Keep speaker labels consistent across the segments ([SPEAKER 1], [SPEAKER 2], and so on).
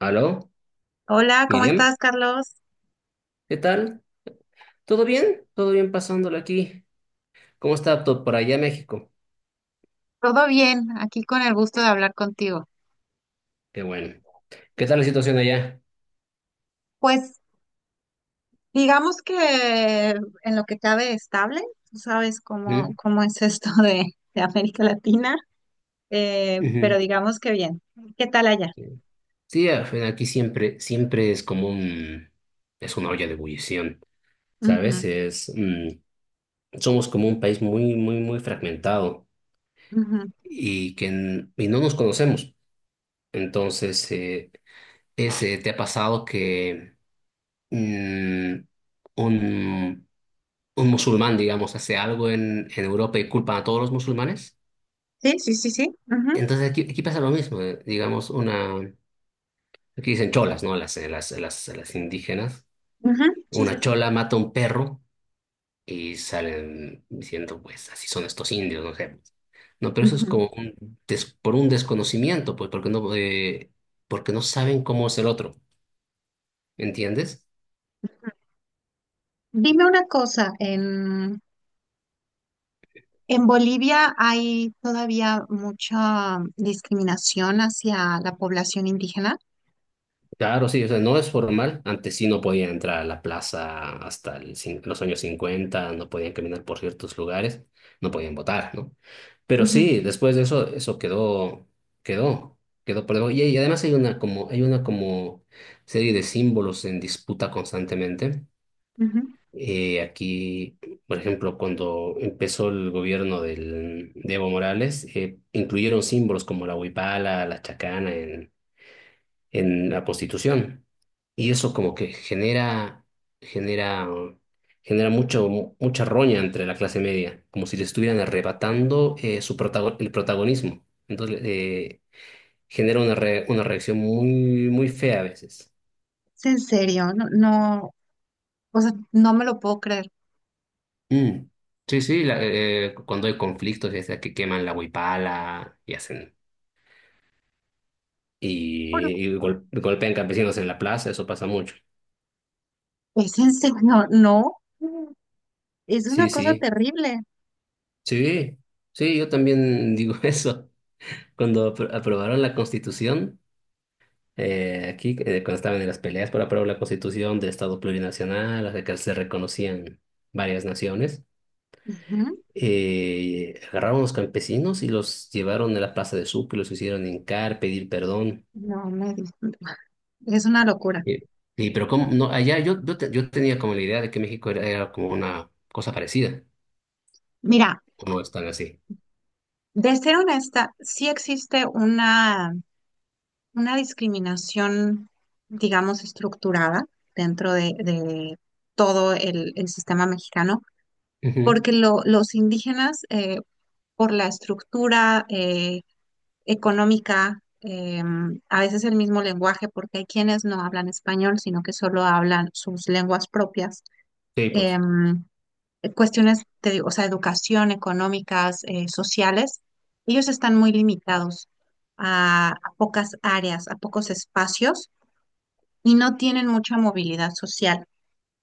[SPEAKER 1] Aló,
[SPEAKER 2] Hola, ¿cómo
[SPEAKER 1] Miriam,
[SPEAKER 2] estás, Carlos?
[SPEAKER 1] ¿qué tal? ¿Todo bien? ¿Todo bien pasándolo aquí? ¿Cómo está todo por allá, México?
[SPEAKER 2] Todo bien, aquí con el gusto de hablar contigo.
[SPEAKER 1] Qué bueno. ¿Qué tal la situación allá?
[SPEAKER 2] Pues digamos que en lo que cabe estable, tú sabes cómo,
[SPEAKER 1] ¿Mm?
[SPEAKER 2] cómo es esto de América Latina, pero
[SPEAKER 1] Ujú.
[SPEAKER 2] digamos que bien. ¿Qué tal allá?
[SPEAKER 1] Sí, sí, al fin, aquí siempre es como un, es una olla de ebullición, ¿sabes?
[SPEAKER 2] Ujú,
[SPEAKER 1] Es, mm, somos como un país muy, muy, muy fragmentado
[SPEAKER 2] ujú.
[SPEAKER 1] y y no nos conocemos. Entonces, ese, ¿te ha pasado que mm, un, un musulmán, digamos, hace algo en Europa y culpan a todos los musulmanes?
[SPEAKER 2] Sí, sí, sí, sí. Ujú,
[SPEAKER 1] Entonces aquí, aquí pasa lo mismo, digamos, una, aquí dicen cholas, ¿no? Las, las indígenas.
[SPEAKER 2] ujú, sí, sí,
[SPEAKER 1] Una
[SPEAKER 2] sí.
[SPEAKER 1] chola mata a un perro y salen diciendo, pues, así son estos indios, no sé. No, pero eso es
[SPEAKER 2] Ujú.
[SPEAKER 1] como un por un desconocimiento, pues, porque no saben cómo es el otro, ¿entiendes?
[SPEAKER 2] Dime una cosa, en Bolivia ¿hay todavía mucha discriminación hacia la población indígena?
[SPEAKER 1] Claro, sí, o sea, no es formal. Antes sí no podían entrar a la plaza hasta los años 50. No podían caminar por ciertos lugares, no podían votar, ¿no? Pero
[SPEAKER 2] Ujú,
[SPEAKER 1] sí, después de eso, eso quedó, quedó, quedó por debajo. Y además hay una como serie de símbolos en disputa constantemente.
[SPEAKER 2] ujú.
[SPEAKER 1] Aquí, por ejemplo, cuando empezó el gobierno de Evo Morales, incluyeron símbolos como la huipala, la chacana en la prostitución. Y eso como que genera, genera, genera mucho, mucha roña entre la clase media, como si le estuvieran arrebatando su el protagonismo. Entonces genera una, una reacción muy, muy fea a veces.
[SPEAKER 2] Es en serio, no, no, o sea, no me lo puedo creer.
[SPEAKER 1] Mm. Sí, sí, cuando hay conflictos, ya sea que queman la huipala y hacen
[SPEAKER 2] Pero
[SPEAKER 1] y golpean campesinos en la plaza, eso pasa mucho.
[SPEAKER 2] es en serio, no. Es una
[SPEAKER 1] Sí,
[SPEAKER 2] cosa
[SPEAKER 1] sí,
[SPEAKER 2] terrible.
[SPEAKER 1] sí, sí, yo también digo eso. Cuando aprobaron la Constitución, aquí cuando estaban en las peleas para aprobar la Constitución de Estado plurinacional, la que se reconocían varias naciones,
[SPEAKER 2] Ujú.
[SPEAKER 1] agarraron a los campesinos y los llevaron a la Plaza de Sucre, los hicieron hincar, pedir perdón.
[SPEAKER 2] No me di- Es una locura.
[SPEAKER 1] Y, y pero como no, allá yo, yo, yo tenía como la idea de que México era, era como una cosa parecida,
[SPEAKER 2] Mira,
[SPEAKER 1] o no están así.
[SPEAKER 2] de ser honesta, sí existe una discriminación, digamos, estructurada dentro de todo el sistema mexicano,
[SPEAKER 1] Ujú.
[SPEAKER 2] porque los indígenas, por la estructura, económica, a veces el mismo lenguaje, porque hay quienes no hablan español, sino que solo hablan sus lenguas propias.
[SPEAKER 1] Sí, pues.
[SPEAKER 2] Em, Cuestiones, te digo, o sea, educación, económicas, sociales, ellos están muy limitados a, pocas áreas, a pocos espacios y no tienen mucha movilidad social.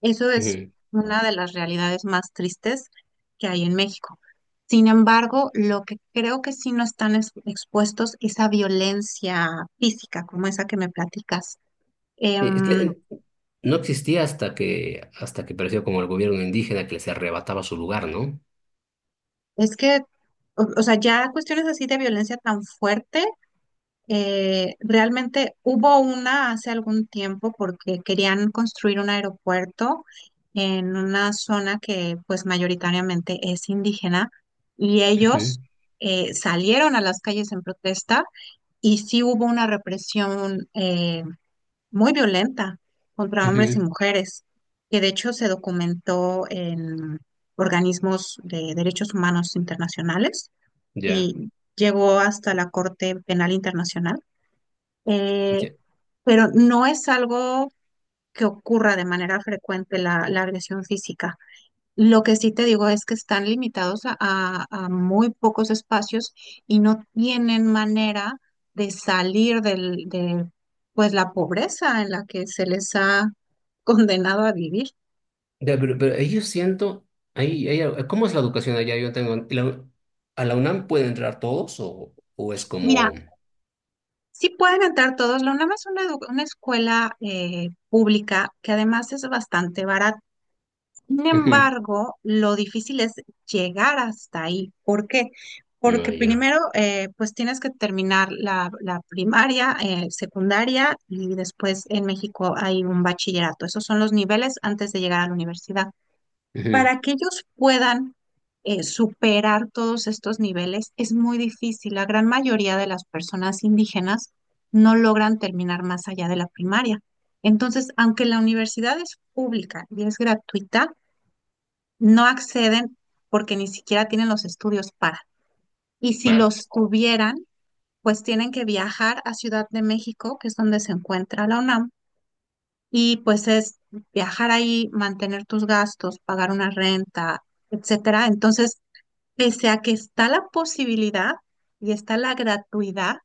[SPEAKER 2] Eso es una de las realidades más tristes que hay en México. Sin embargo, lo que creo que sí no están expuestos es a violencia física, como esa que me platicas.
[SPEAKER 1] Sí, es que
[SPEAKER 2] Em,
[SPEAKER 1] no existía hasta que apareció como el gobierno indígena que les arrebataba su lugar, ¿no?
[SPEAKER 2] es que, o sea, ya cuestiones así de violencia tan fuerte. Realmente hubo una hace algún tiempo porque querían construir un aeropuerto en una zona que pues mayoritariamente es indígena y
[SPEAKER 1] Ujú,
[SPEAKER 2] ellos salieron a las calles en protesta y sí hubo una represión muy violenta contra hombres y
[SPEAKER 1] ujú.
[SPEAKER 2] mujeres que de hecho se documentó en organismos de derechos humanos internacionales
[SPEAKER 1] Ya,
[SPEAKER 2] y llegó hasta la Corte Penal Internacional eh,
[SPEAKER 1] ya.
[SPEAKER 2] pero no es algo que ocurra de manera frecuente la agresión física. Lo que sí te digo es que están limitados a, a muy pocos espacios y no tienen manera de salir de pues la pobreza en la que se les ha condenado a vivir.
[SPEAKER 1] Ya, pero ahí yo siento, ahí, ahí- ¿cómo es la educación allá? Yo tengo, ¿a la UNAM pueden entrar todos o es
[SPEAKER 2] Mira,
[SPEAKER 1] como?
[SPEAKER 2] sí pueden entrar todos, la UNAM es una, una escuela pública que además es bastante barata. Sin
[SPEAKER 1] Ujú,
[SPEAKER 2] embargo, lo difícil es llegar hasta ahí. ¿Por qué?
[SPEAKER 1] no,
[SPEAKER 2] Porque
[SPEAKER 1] ya,
[SPEAKER 2] primero, pues tienes que terminar la primaria, secundaria y después en México hay un bachillerato. Esos son los niveles antes de llegar a la universidad.
[SPEAKER 1] ujú,
[SPEAKER 2] Para que ellos puedan superar todos estos niveles es muy difícil. La gran mayoría de las personas indígenas no logran terminar más allá de la primaria. Entonces, aunque la universidad es pública y es gratuita, no acceden porque ni siquiera tienen los estudios para. Y si
[SPEAKER 1] claro,
[SPEAKER 2] los tuvieran, pues tienen que viajar a Ciudad de México, que es donde se encuentra la UNAM, y pues es viajar ahí, mantener tus gastos, pagar una renta, etcétera. Entonces, pese a que está la posibilidad y está la gratuidad,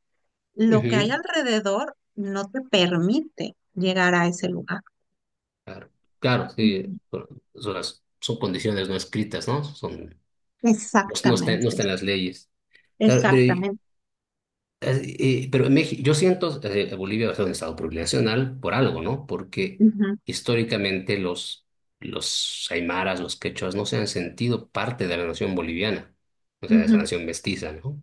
[SPEAKER 2] lo que hay
[SPEAKER 1] ujú.
[SPEAKER 2] alrededor no te permite llegar a ese lugar.
[SPEAKER 1] Claro, claro, sí,
[SPEAKER 2] Ujú.
[SPEAKER 1] son, son condiciones no escritas, ¿no? Son, no, no está, no
[SPEAKER 2] Exactamente,
[SPEAKER 1] está en las leyes. Claro,
[SPEAKER 2] exactamente.
[SPEAKER 1] Pero en México, yo siento Bolivia es un estado plurinacional por algo, ¿no? Porque
[SPEAKER 2] Ujú,
[SPEAKER 1] históricamente los aymaras, los quechuas, no se han sentido parte de la nación boliviana, o sea, de esa
[SPEAKER 2] ujú,
[SPEAKER 1] nación mestiza, ¿no?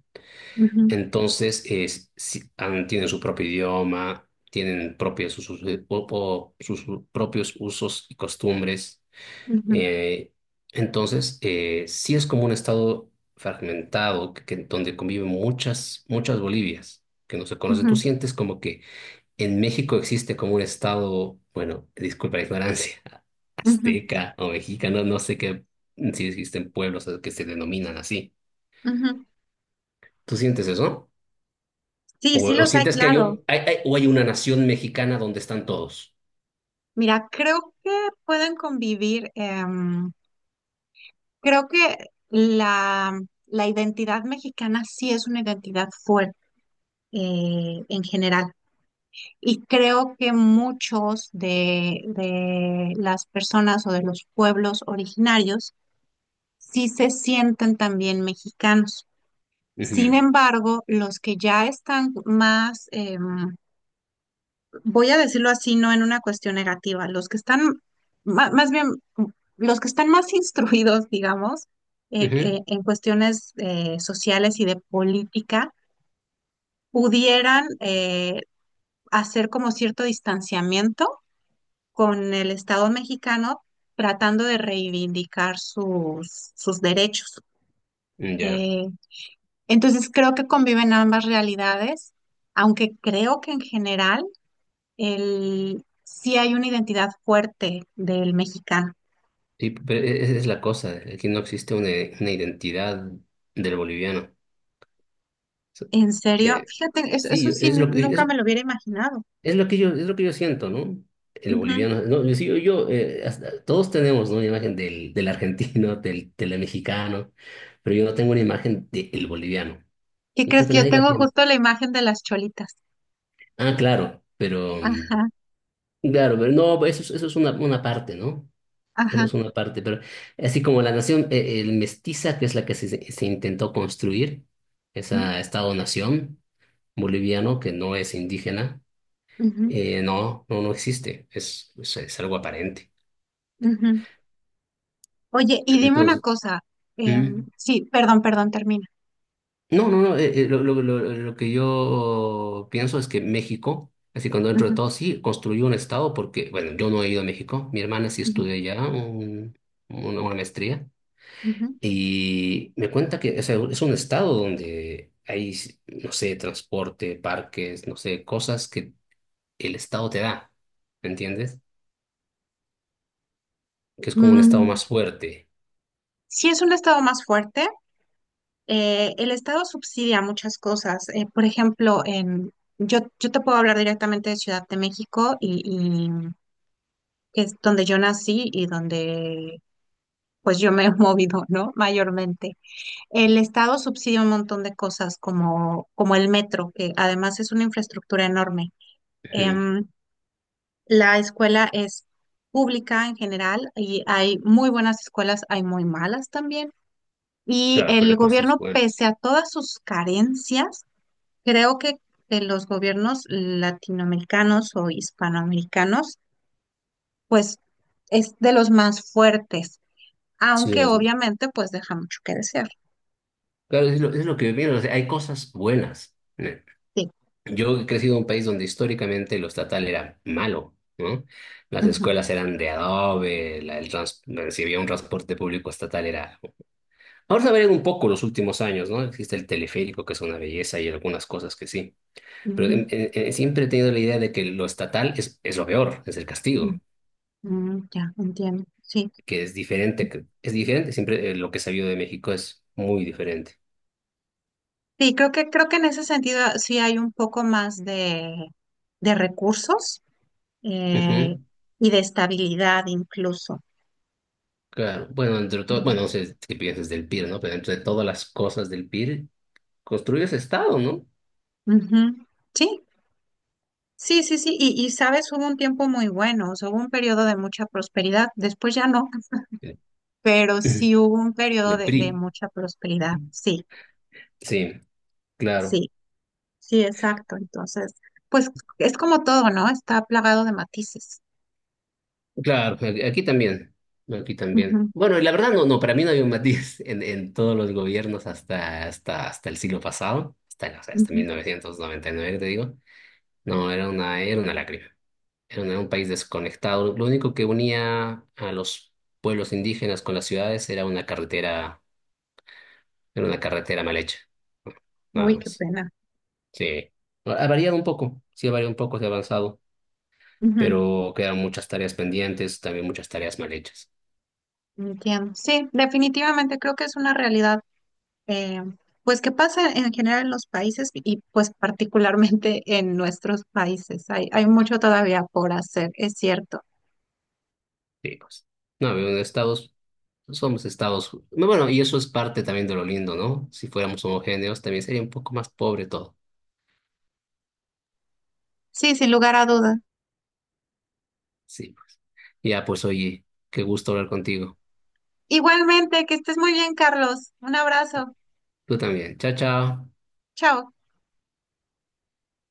[SPEAKER 2] ujú,
[SPEAKER 1] Entonces, es, tienen su propio idioma, tienen propios usos, o sus propios usos y costumbres.
[SPEAKER 2] ujú.
[SPEAKER 1] Eh, entonces, sí es como un estado fragmentado que, donde conviven muchas, muchas Bolivias que no se conocen. Tú
[SPEAKER 2] Ujú,
[SPEAKER 1] sientes como que en México existe como un estado, bueno, disculpa la ignorancia,
[SPEAKER 2] ujú,
[SPEAKER 1] azteca o mexicano, no sé qué, mm, si existen pueblos que se denominan así.
[SPEAKER 2] ujú.
[SPEAKER 1] ¿Tú sientes eso?
[SPEAKER 2] Sí, sí
[SPEAKER 1] O
[SPEAKER 2] los hay,
[SPEAKER 1] sientes que hay,
[SPEAKER 2] claro.
[SPEAKER 1] o hay una nación mexicana donde están todos?
[SPEAKER 2] Mira, creo que pueden convivir. Creo que la, la identidad mexicana sí es una identidad fuerte en general. Y creo que muchos de las personas o de los pueblos originarios sí se sienten también mexicanos. Sin
[SPEAKER 1] Ujú,
[SPEAKER 2] embargo, los que ya están más... voy a decirlo así, no en una cuestión negativa, los que están, más bien, los que están más instruidos, digamos,
[SPEAKER 1] ujú,
[SPEAKER 2] en cuestiones sociales y de política, pudieran hacer como cierto distanciamiento con el Estado mexicano tratando de reivindicar sus derechos.
[SPEAKER 1] ya.
[SPEAKER 2] Eh, entonces creo que conviven ambas realidades, aunque creo que en general sí hay una identidad fuerte del mexicano.
[SPEAKER 1] Sí, pero esa es la cosa, aquí no existe una identidad del boliviano. So-
[SPEAKER 2] En serio,
[SPEAKER 1] eh,
[SPEAKER 2] fíjate, eso
[SPEAKER 1] sí,
[SPEAKER 2] sí nunca me lo hubiera imaginado.
[SPEAKER 1] es lo que yo siento, ¿no? El
[SPEAKER 2] Ujú.
[SPEAKER 1] boliviano, no, yo, sí, yo, todos tenemos, ¿no?, una imagen del, del argentino, del, del mexicano, pero yo no tengo una imagen del boliviano.
[SPEAKER 2] ¿Qué
[SPEAKER 1] Y creo
[SPEAKER 2] crees
[SPEAKER 1] que
[SPEAKER 2] que yo
[SPEAKER 1] nadie la
[SPEAKER 2] tengo
[SPEAKER 1] tiene.
[SPEAKER 2] justo la imagen de las cholitas?
[SPEAKER 1] Ah, claro, pero mm,
[SPEAKER 2] Ajá,
[SPEAKER 1] claro, pero no, eso es una parte, ¿no? Eso
[SPEAKER 2] ajá.
[SPEAKER 1] es una parte, pero así como la nación el mestiza, que es la que se intentó construir,
[SPEAKER 2] Ujú,
[SPEAKER 1] esa Estado-nación boliviano que no es indígena,
[SPEAKER 2] ujú,
[SPEAKER 1] no, no, no existe, es algo aparente.
[SPEAKER 2] ujú. Oye, y dime una
[SPEAKER 1] Entonces,
[SPEAKER 2] cosa.
[SPEAKER 1] ¿mm?
[SPEAKER 2] Sí, perdón, perdón, termina.
[SPEAKER 1] No, no, no, lo, lo que yo pienso es que México, así cuando dentro de
[SPEAKER 2] Ujú,
[SPEAKER 1] todo sí, construyó un Estado porque, bueno, yo no he ido a México, mi hermana sí
[SPEAKER 2] ujú,
[SPEAKER 1] estudió allá una maestría.
[SPEAKER 2] ujú.
[SPEAKER 1] Y me cuenta que, o sea, es un estado donde hay, no sé, transporte, parques, no sé, cosas que el estado te da, ¿me entiendes? Que es como un estado
[SPEAKER 2] Mm,
[SPEAKER 1] más fuerte.
[SPEAKER 2] sí es un estado más fuerte. Eh, el estado subsidia muchas cosas. Eh, por ejemplo, yo te puedo hablar directamente de Ciudad de México y que es donde yo nací y donde pues yo me he movido, ¿no? Mayormente. El Estado subsidia un montón de cosas como el metro, que además es una infraestructura enorme.
[SPEAKER 1] Ujú.
[SPEAKER 2] Em, la escuela es pública en general y hay muy buenas escuelas, hay muy malas también. Y
[SPEAKER 1] Claro, pero
[SPEAKER 2] el
[SPEAKER 1] hay cosas
[SPEAKER 2] gobierno, pese
[SPEAKER 1] buenas.
[SPEAKER 2] a todas sus carencias, creo que los gobiernos latinoamericanos o hispanoamericanos, pues es de los más fuertes
[SPEAKER 1] Sí,
[SPEAKER 2] aunque
[SPEAKER 1] es lo-
[SPEAKER 2] obviamente pues deja mucho que desear.
[SPEAKER 1] Claro, es lo que viene, o sea, hay cosas buenas, ¿no?
[SPEAKER 2] Sí.
[SPEAKER 1] Yo he crecido en un país donde históricamente lo estatal era malo, ¿no? Las
[SPEAKER 2] Ujú,
[SPEAKER 1] escuelas eran de adobe, si había un transporte público estatal era. Ahora se ha variado un poco los últimos años, ¿no? Existe el teleférico, que es una belleza, y algunas cosas que sí. Pero
[SPEAKER 2] ujú,
[SPEAKER 1] siempre he tenido la idea de que lo estatal es lo peor, es el
[SPEAKER 2] ujú,
[SPEAKER 1] castigo,
[SPEAKER 2] mm, ya, entiendo. Sí.
[SPEAKER 1] que es diferente, es diferente. Siempre lo que he sabido de México es muy diferente.
[SPEAKER 2] Sí, creo creo que en ese sentido sí hay un poco más de recursos eh,
[SPEAKER 1] Ujú,
[SPEAKER 2] y de estabilidad incluso.
[SPEAKER 1] claro. Bueno, entre todo,
[SPEAKER 2] Ujú.
[SPEAKER 1] bueno, no sé qué piensas del PIR, ¿no? Pero entre todas las cosas del PIR, construyes Estado, ¿no?
[SPEAKER 2] Ujú. Sí, sí, sí, sí. Y sabes, hubo un tiempo muy bueno, o sea, hubo un periodo de mucha prosperidad, después ya no,
[SPEAKER 1] El,
[SPEAKER 2] pero sí hubo un periodo
[SPEAKER 1] el
[SPEAKER 2] de
[SPEAKER 1] PRI,
[SPEAKER 2] mucha prosperidad, sí,
[SPEAKER 1] sí, claro.
[SPEAKER 2] sí. Sí, exacto. Entonces, pues es como todo, ¿no? Está plagado de matices.
[SPEAKER 1] Claro, aquí también, aquí también.
[SPEAKER 2] Ujú,
[SPEAKER 1] Bueno, y la verdad no, no, para mí no había un matiz en todos los gobiernos hasta, hasta, hasta el siglo pasado, hasta, no sé, hasta
[SPEAKER 2] ujú.
[SPEAKER 1] 1999, que te digo. No, era una lágrima, era un país desconectado. Lo único que unía a los pueblos indígenas con las ciudades era una carretera mal hecha, ¿no? Nada
[SPEAKER 2] Uy, qué
[SPEAKER 1] más.
[SPEAKER 2] pena.
[SPEAKER 1] Sí, ha variado un poco, sí ha variado un poco, se ha avanzado,
[SPEAKER 2] Ujú,
[SPEAKER 1] pero quedan muchas tareas pendientes, también muchas tareas mal hechas.
[SPEAKER 2] entiendo. Sí, definitivamente creo que es una realidad, eh, pues que pasa en general en los países y pues particularmente en nuestros países. Hay mucho todavía por hacer, es cierto.
[SPEAKER 1] Sí, pues. No, pero en Estados, somos Estados. No, bueno, y eso es parte también de lo lindo, ¿no? Si fuéramos homogéneos, también sería un poco más pobre todo.
[SPEAKER 2] Sí, sin lugar a dudas.
[SPEAKER 1] Sí, pues. Ya, pues, oye, qué gusto hablar contigo.
[SPEAKER 2] Igualmente, que estés muy bien, Carlos. Un abrazo.
[SPEAKER 1] Tú también. Chao, chao.
[SPEAKER 2] Chao.